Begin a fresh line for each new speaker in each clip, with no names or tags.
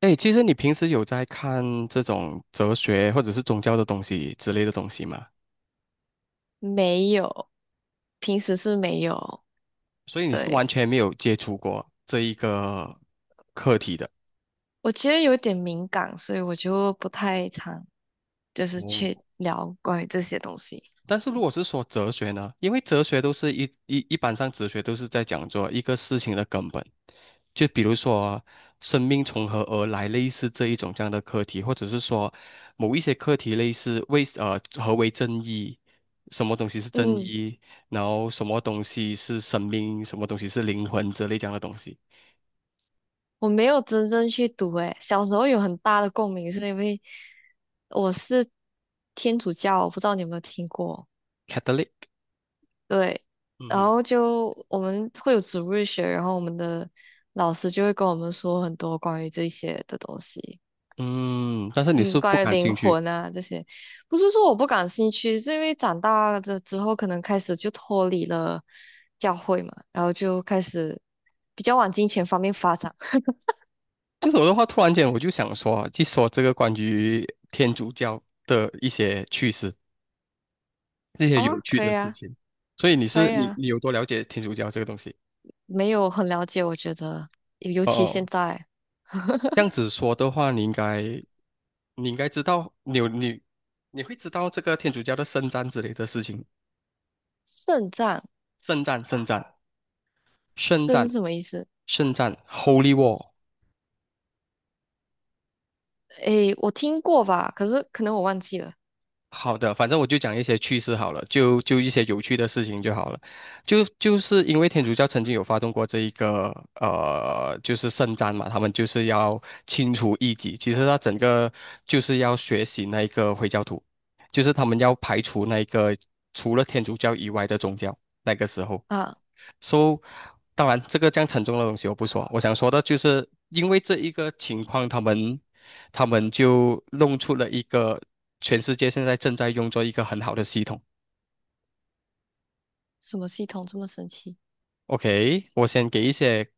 哎，其实你平时有在看这种哲学或者是宗教的东西之类的东西吗？
没有，平时是没有。
所以你是完
对，
全没有接触过这一个课题的。
我觉得有点敏感，所以我就不太常去
哦。
聊关于这些东西。
但是如果是说哲学呢，因为哲学都是一一一般上哲学都是在讲做一个事情的根本，就比如说生命从何而来，类似这一种这样的课题，或者是说某一些课题类似何为正义，什么东西是正
嗯，
义，然后什么东西是生命，什么东西是灵魂之类这样的东西。
我没有真正去读，诶，小时候有很大的共鸣，是因为我是天主教，我不知道你有没有听过。
Catholic。
对，
嗯
然
哼。
后我们会有主日学，然后我们的老师就会跟我们说很多关于这些的东西。
嗯，但是你
嗯，
是不
关于
感
灵
兴趣。
魂啊这些，不是说我不感兴趣，是因为长大了之后，可能开始就脱离了教会嘛，然后就开始比较往金钱方面发展。
这首的话，突然间我就想说，去说这个关于天主教的一些趣事，这些有
哦，
趣
可
的
以
事
啊。
情。所以你
可
是
以
你
啊，
你有多了解天主教这个东西？
没有很了解，我觉得，尤
哦
其现
哦，
在
这样子说的话，你应该知道，你有你你会知道这个天主教的圣战之类的事情，
肾脏。
圣战，圣战，圣
这是
战，
什么意思？
圣战， Holy War。
诶，我听过吧，可是可能我忘记了。
好的，反正我就讲一些趣事好了，就一些有趣的事情就好了。就是因为天主教曾经有发动过这一个就是圣战嘛，他们就是要清除异己，其实他整个就是要学习那一个回教徒，就是他们要排除那一个除了天主教以外的宗教。那个时候。
啊，
So,当然，这个这样沉重的东西我不说。我想说的就是，因为这一个情况，他们就弄出了一个全世界现在正在用作一个很好的系统。
什么系统这么神奇？
OK，我先给一些，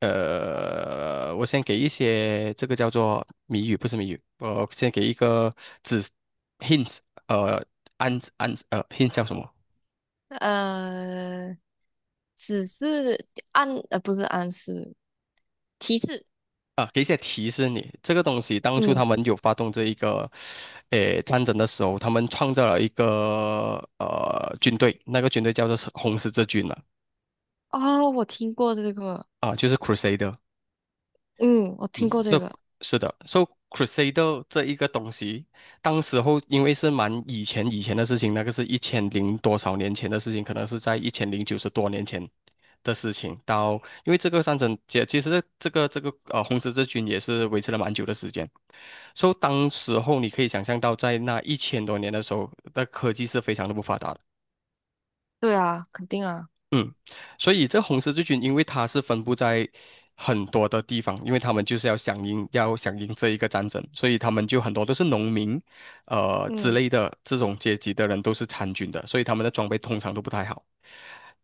我先给一些这个叫做谜语，不是谜语，我先给一个指 hints，呃，暗暗呃 hint 叫什么？
呃，只是暗，不是暗示，提示。
啊，给一些提示你，这个东西当初
嗯。
他们有发动这一个，诶，战争的时候，他们创造了一个军队，那个军队叫做是红十字军了
哦，我听过这个。
啊，就是 Crusader。
嗯，我听
嗯，
过这个。
是的，so Crusader 这一个东西，当时候因为是蛮以前的事情，那个是一千零多少年前的事情，可能是在一千零九十多年前的事情。因为这个战争，其实这个红十字军也是维持了蛮久的时间。So 当时候你可以想象到，在那一千多年的时候，那科技是非常的不发达的。
对啊，肯定啊。
嗯，所以这红十字军，因为它是分布在很多的地方，因为他们就是要响应，要响应这一个战争，所以他们就很多都是农民，之
嗯。
类的这种阶级的人都是参军的，所以他们的装备通常都不太好。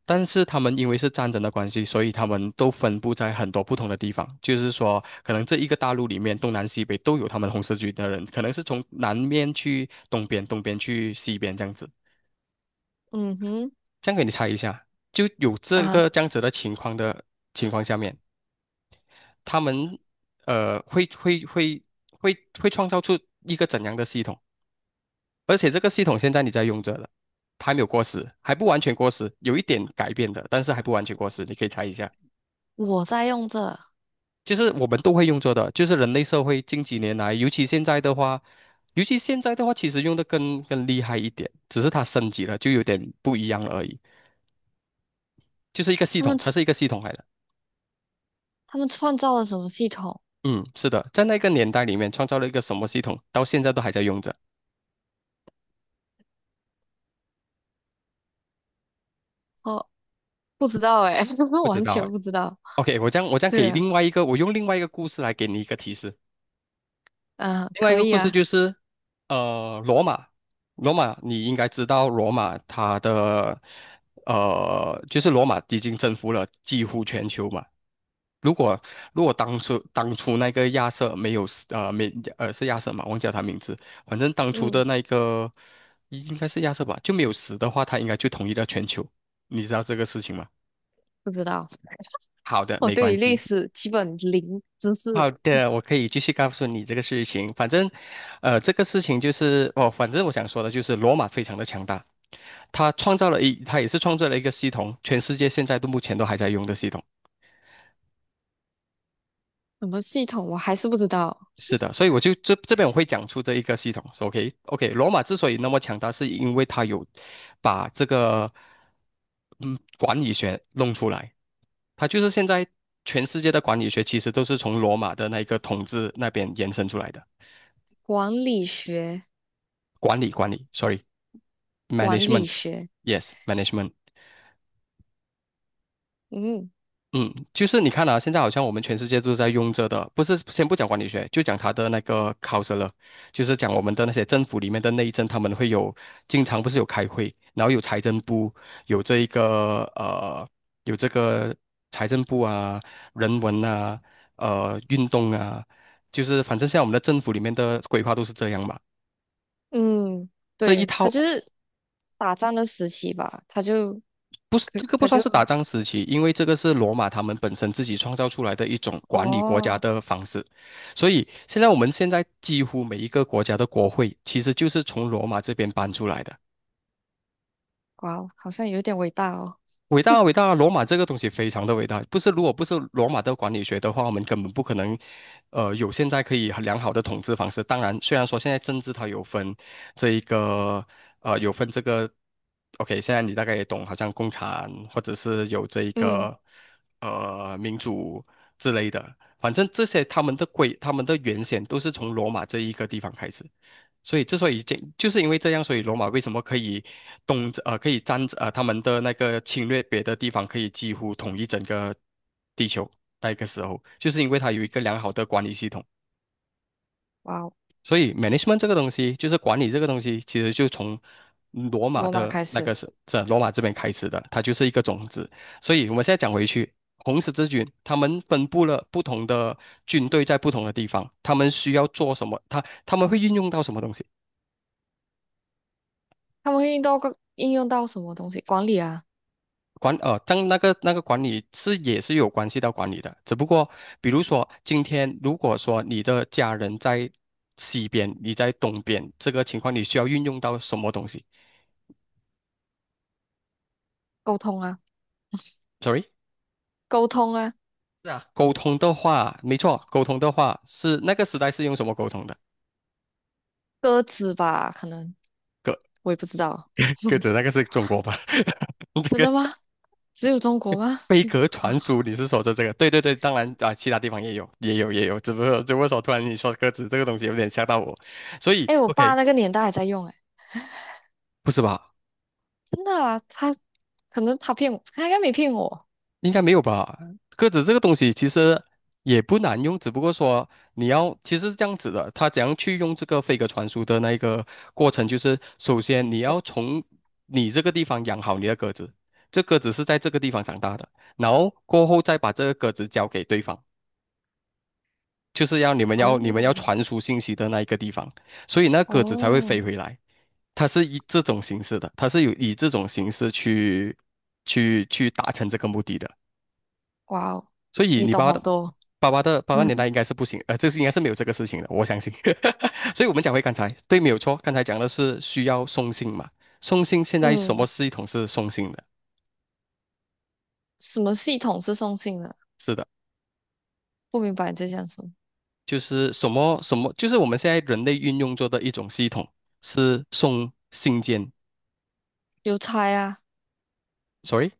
但是他们因为是战争的关系，所以他们都分布在很多不同的地方。就是说，可能这一个大陆里面，东南西北都有他们红十字军的人，可能是从南面去东边，东边去西边这样子。
嗯哼。
这样给你猜一下，就有这
啊，
个这样子的情况下面，他们呃会会会会创造出一个怎样的系统？而且这个系统现在你在用着了，它还没有过时，还不完全过时，有一点改变的，但是还不完全过时。你可以猜一下，
我在用这，
就是我们都会用着的，就是人类社会近几年来，尤其现在的话，其实用的更厉害一点，只是它升级了，就有点不一样了而已。就是一个系
他
统，
们
它
创
是一个系统来的。
他们创造了什么系统？
嗯，是的，在那个年代里面创造了一个什么系统，到现在都还在用着，
哦，不知道哎，
不知
完
道
全
哎。
不知道。
OK，我这样
对
给
啊。
另外一个，我用另外一个故事来给你一个提示。
嗯，
另外一
可
个
以
故事
啊。
就是，罗马，罗马你应该知道，罗马它的就是罗马已经征服了几乎全球嘛。如果如果当初那个亚瑟没有死，呃没呃是亚瑟嘛，忘记了他名字，反正当初
嗯，
的那个应该是亚瑟吧，就没有死的话，他应该就统一了全球。你知道这个事情吗？
不知道，
好的，
我
没
对
关
于历
系。
史基本零知识。
好的，我可以继续告诉你这个事情。反正，这个事情就是哦，反正我想说的就是，罗马非常的强大，他也是创造了一个系统，全世界现在都目前都还在用的系统。
什么系统我还是不知道。
是的，所以我就这这边我会讲出这一个系统说，OK，罗马之所以那么强大，是因为它有把这个嗯管理学弄出来，它就是现在全世界的管理学其实都是从罗马的那个统治那边延伸出来的，
管理学。
管理
管理学。
，sorry，management，yes，management。
嗯。
嗯，就是你看啊，现在好像我们全世界都在用着的，不是先不讲管理学，就讲它的那个考试了，就是讲我们的那些政府里面的内政，他们会有经常不是有开会，然后有财政部，有这一个有这个财政部啊，人文啊，运动啊，就是反正像我们的政府里面的规划都是这样嘛，
嗯，
这一
对，他
套
就是打仗的时期吧，他就，
不是，
可
这个不
他
算
就。
是打仗时期，因为这个是罗马他们本身自己创造出来的一种管理国家
哦。
的方式，所以现在几乎每一个国家的国会其实就是从罗马这边搬出来的。
哇哦，好像有点伟大哦。
伟大啊，伟大啊！罗马这个东西非常的伟大，不是如果不是罗马的管理学的话，我们根本不可能，有现在可以很良好的统治方式。当然，虽然说现在政治它有分这一个，有分这个，OK，现在你大概也懂，好像共产或者是有这一
嗯。
个，民主之类的，反正这些他们的原先都是从罗马这一个地方开始。所以这就是因为这样，所以罗马为什么可以可以他们的那个侵略别的地方，可以几乎统一整个地球。那个时候，就是因为它有一个良好的管理系统。
哇哦，
所以 management 这个东西，就是管理这个东西，其实就从罗马
罗马
的
开
那
始。
个是是罗马这边开始的，它就是一个种子。所以我们现在讲回去，红十字军他们分布了不同的军队在不同的地方，他们需要做什么，他们会运用到什么东西。
他们会用到个应用到什么东西？管理啊。
但那个管理是也是有关系到管理的，只不过比如说今天如果说你的家人在西边，你在东边，这个情况你需要运用到什么东西
沟通啊。
？Sorry，
沟通啊。
是啊，沟通的话，没错，沟通的话是那个时代是用什么沟通的？
鸽子吧，可能
鸽
我也不知道。
鸽子那个是中国吧？
真
这
的
个
吗？只有中国吗？
飞鸽传书，你是说的这个？对对对，当然啊，其他地方也有，也有，只不过说突然你说鸽子这个东西有点吓到我，所以
哎，我爸
OK，
那个年代还在用，哎，
不是吧？
真的啊，他可能他骗我，他应该没骗我。
应该没有吧？鸽子这个东西其实也不难用，只不过说其实是这样子的，它怎样去用这个飞鸽传书的那一个过程，就是首先你要从你这个地方养好你的鸽子，这鸽子是在这个地方长大的，然后过后再把这个鸽子交给对方，就是要你们要
哦
传输信息的那一个地方，所以那鸽子才会
哦。
飞回来。它是以这种形式的，它是有以这种形式去达成这个目的的。
哇哦，
所以
你
你
懂
爸爸
好
的
多。
爸爸的爸爸年 代应该是不行，应该是没有这个事情的，我相信。所以我们讲回刚才，对，没有错，刚才讲的是需要送信嘛，送信现在什么
嗯，
系统是送信的？
什么系统是送信的？
是的，
不明白你在讲什么。
就是什么什么，就是我们现在人类运用做的一种系统是送信件
邮差啊。
，sorry。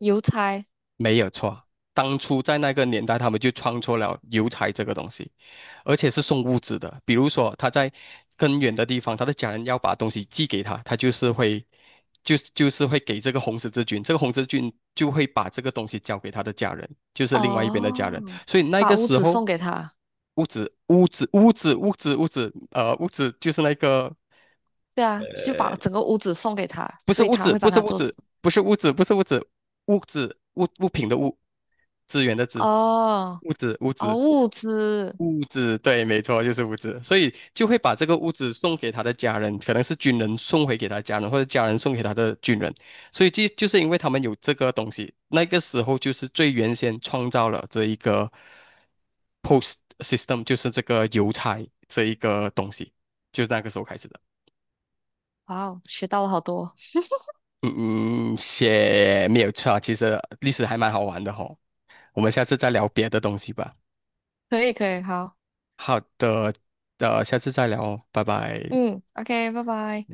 邮差。
没有错，当初在那个年代，他们就创作了邮差这个东西，而且是送物资的。比如说，他在更远的地方，他的家人要把东西寄给他，他就是会，就是会给这个红十字军，这个红十字军就会把这个东西交给他的家人，就是另外一边的家人。
哦，
所以那
把
个
屋
时
子
候，
送给他。
物资、物资、物资、物资、物资，物资就是那个
对啊，就把整个屋子送给他，
不是
所以
物
他
质，
会
不
帮
是
他
物
做。
质，不是物质，不是物质，物质物品的物，资源的资，
哦。
物质物
哦，
质
物资。
物质，对，没错，就是物质，所以就会把这个物质送给他的家人，可能是军人送回给他的家人，或者家人送给他的军人，所以就是因为他们有这个东西，那个时候就是最原先创造了这一个 post system，就是这个邮差这一个东西，就是那个时候开始的。
哇哦，学到了好多。
嗯嗯，写没有错啊，其实历史还蛮好玩的吼。我们下次再聊别的东西吧。
可以可以，好。
好的，下次再聊哦，拜拜。
嗯。OK，拜拜。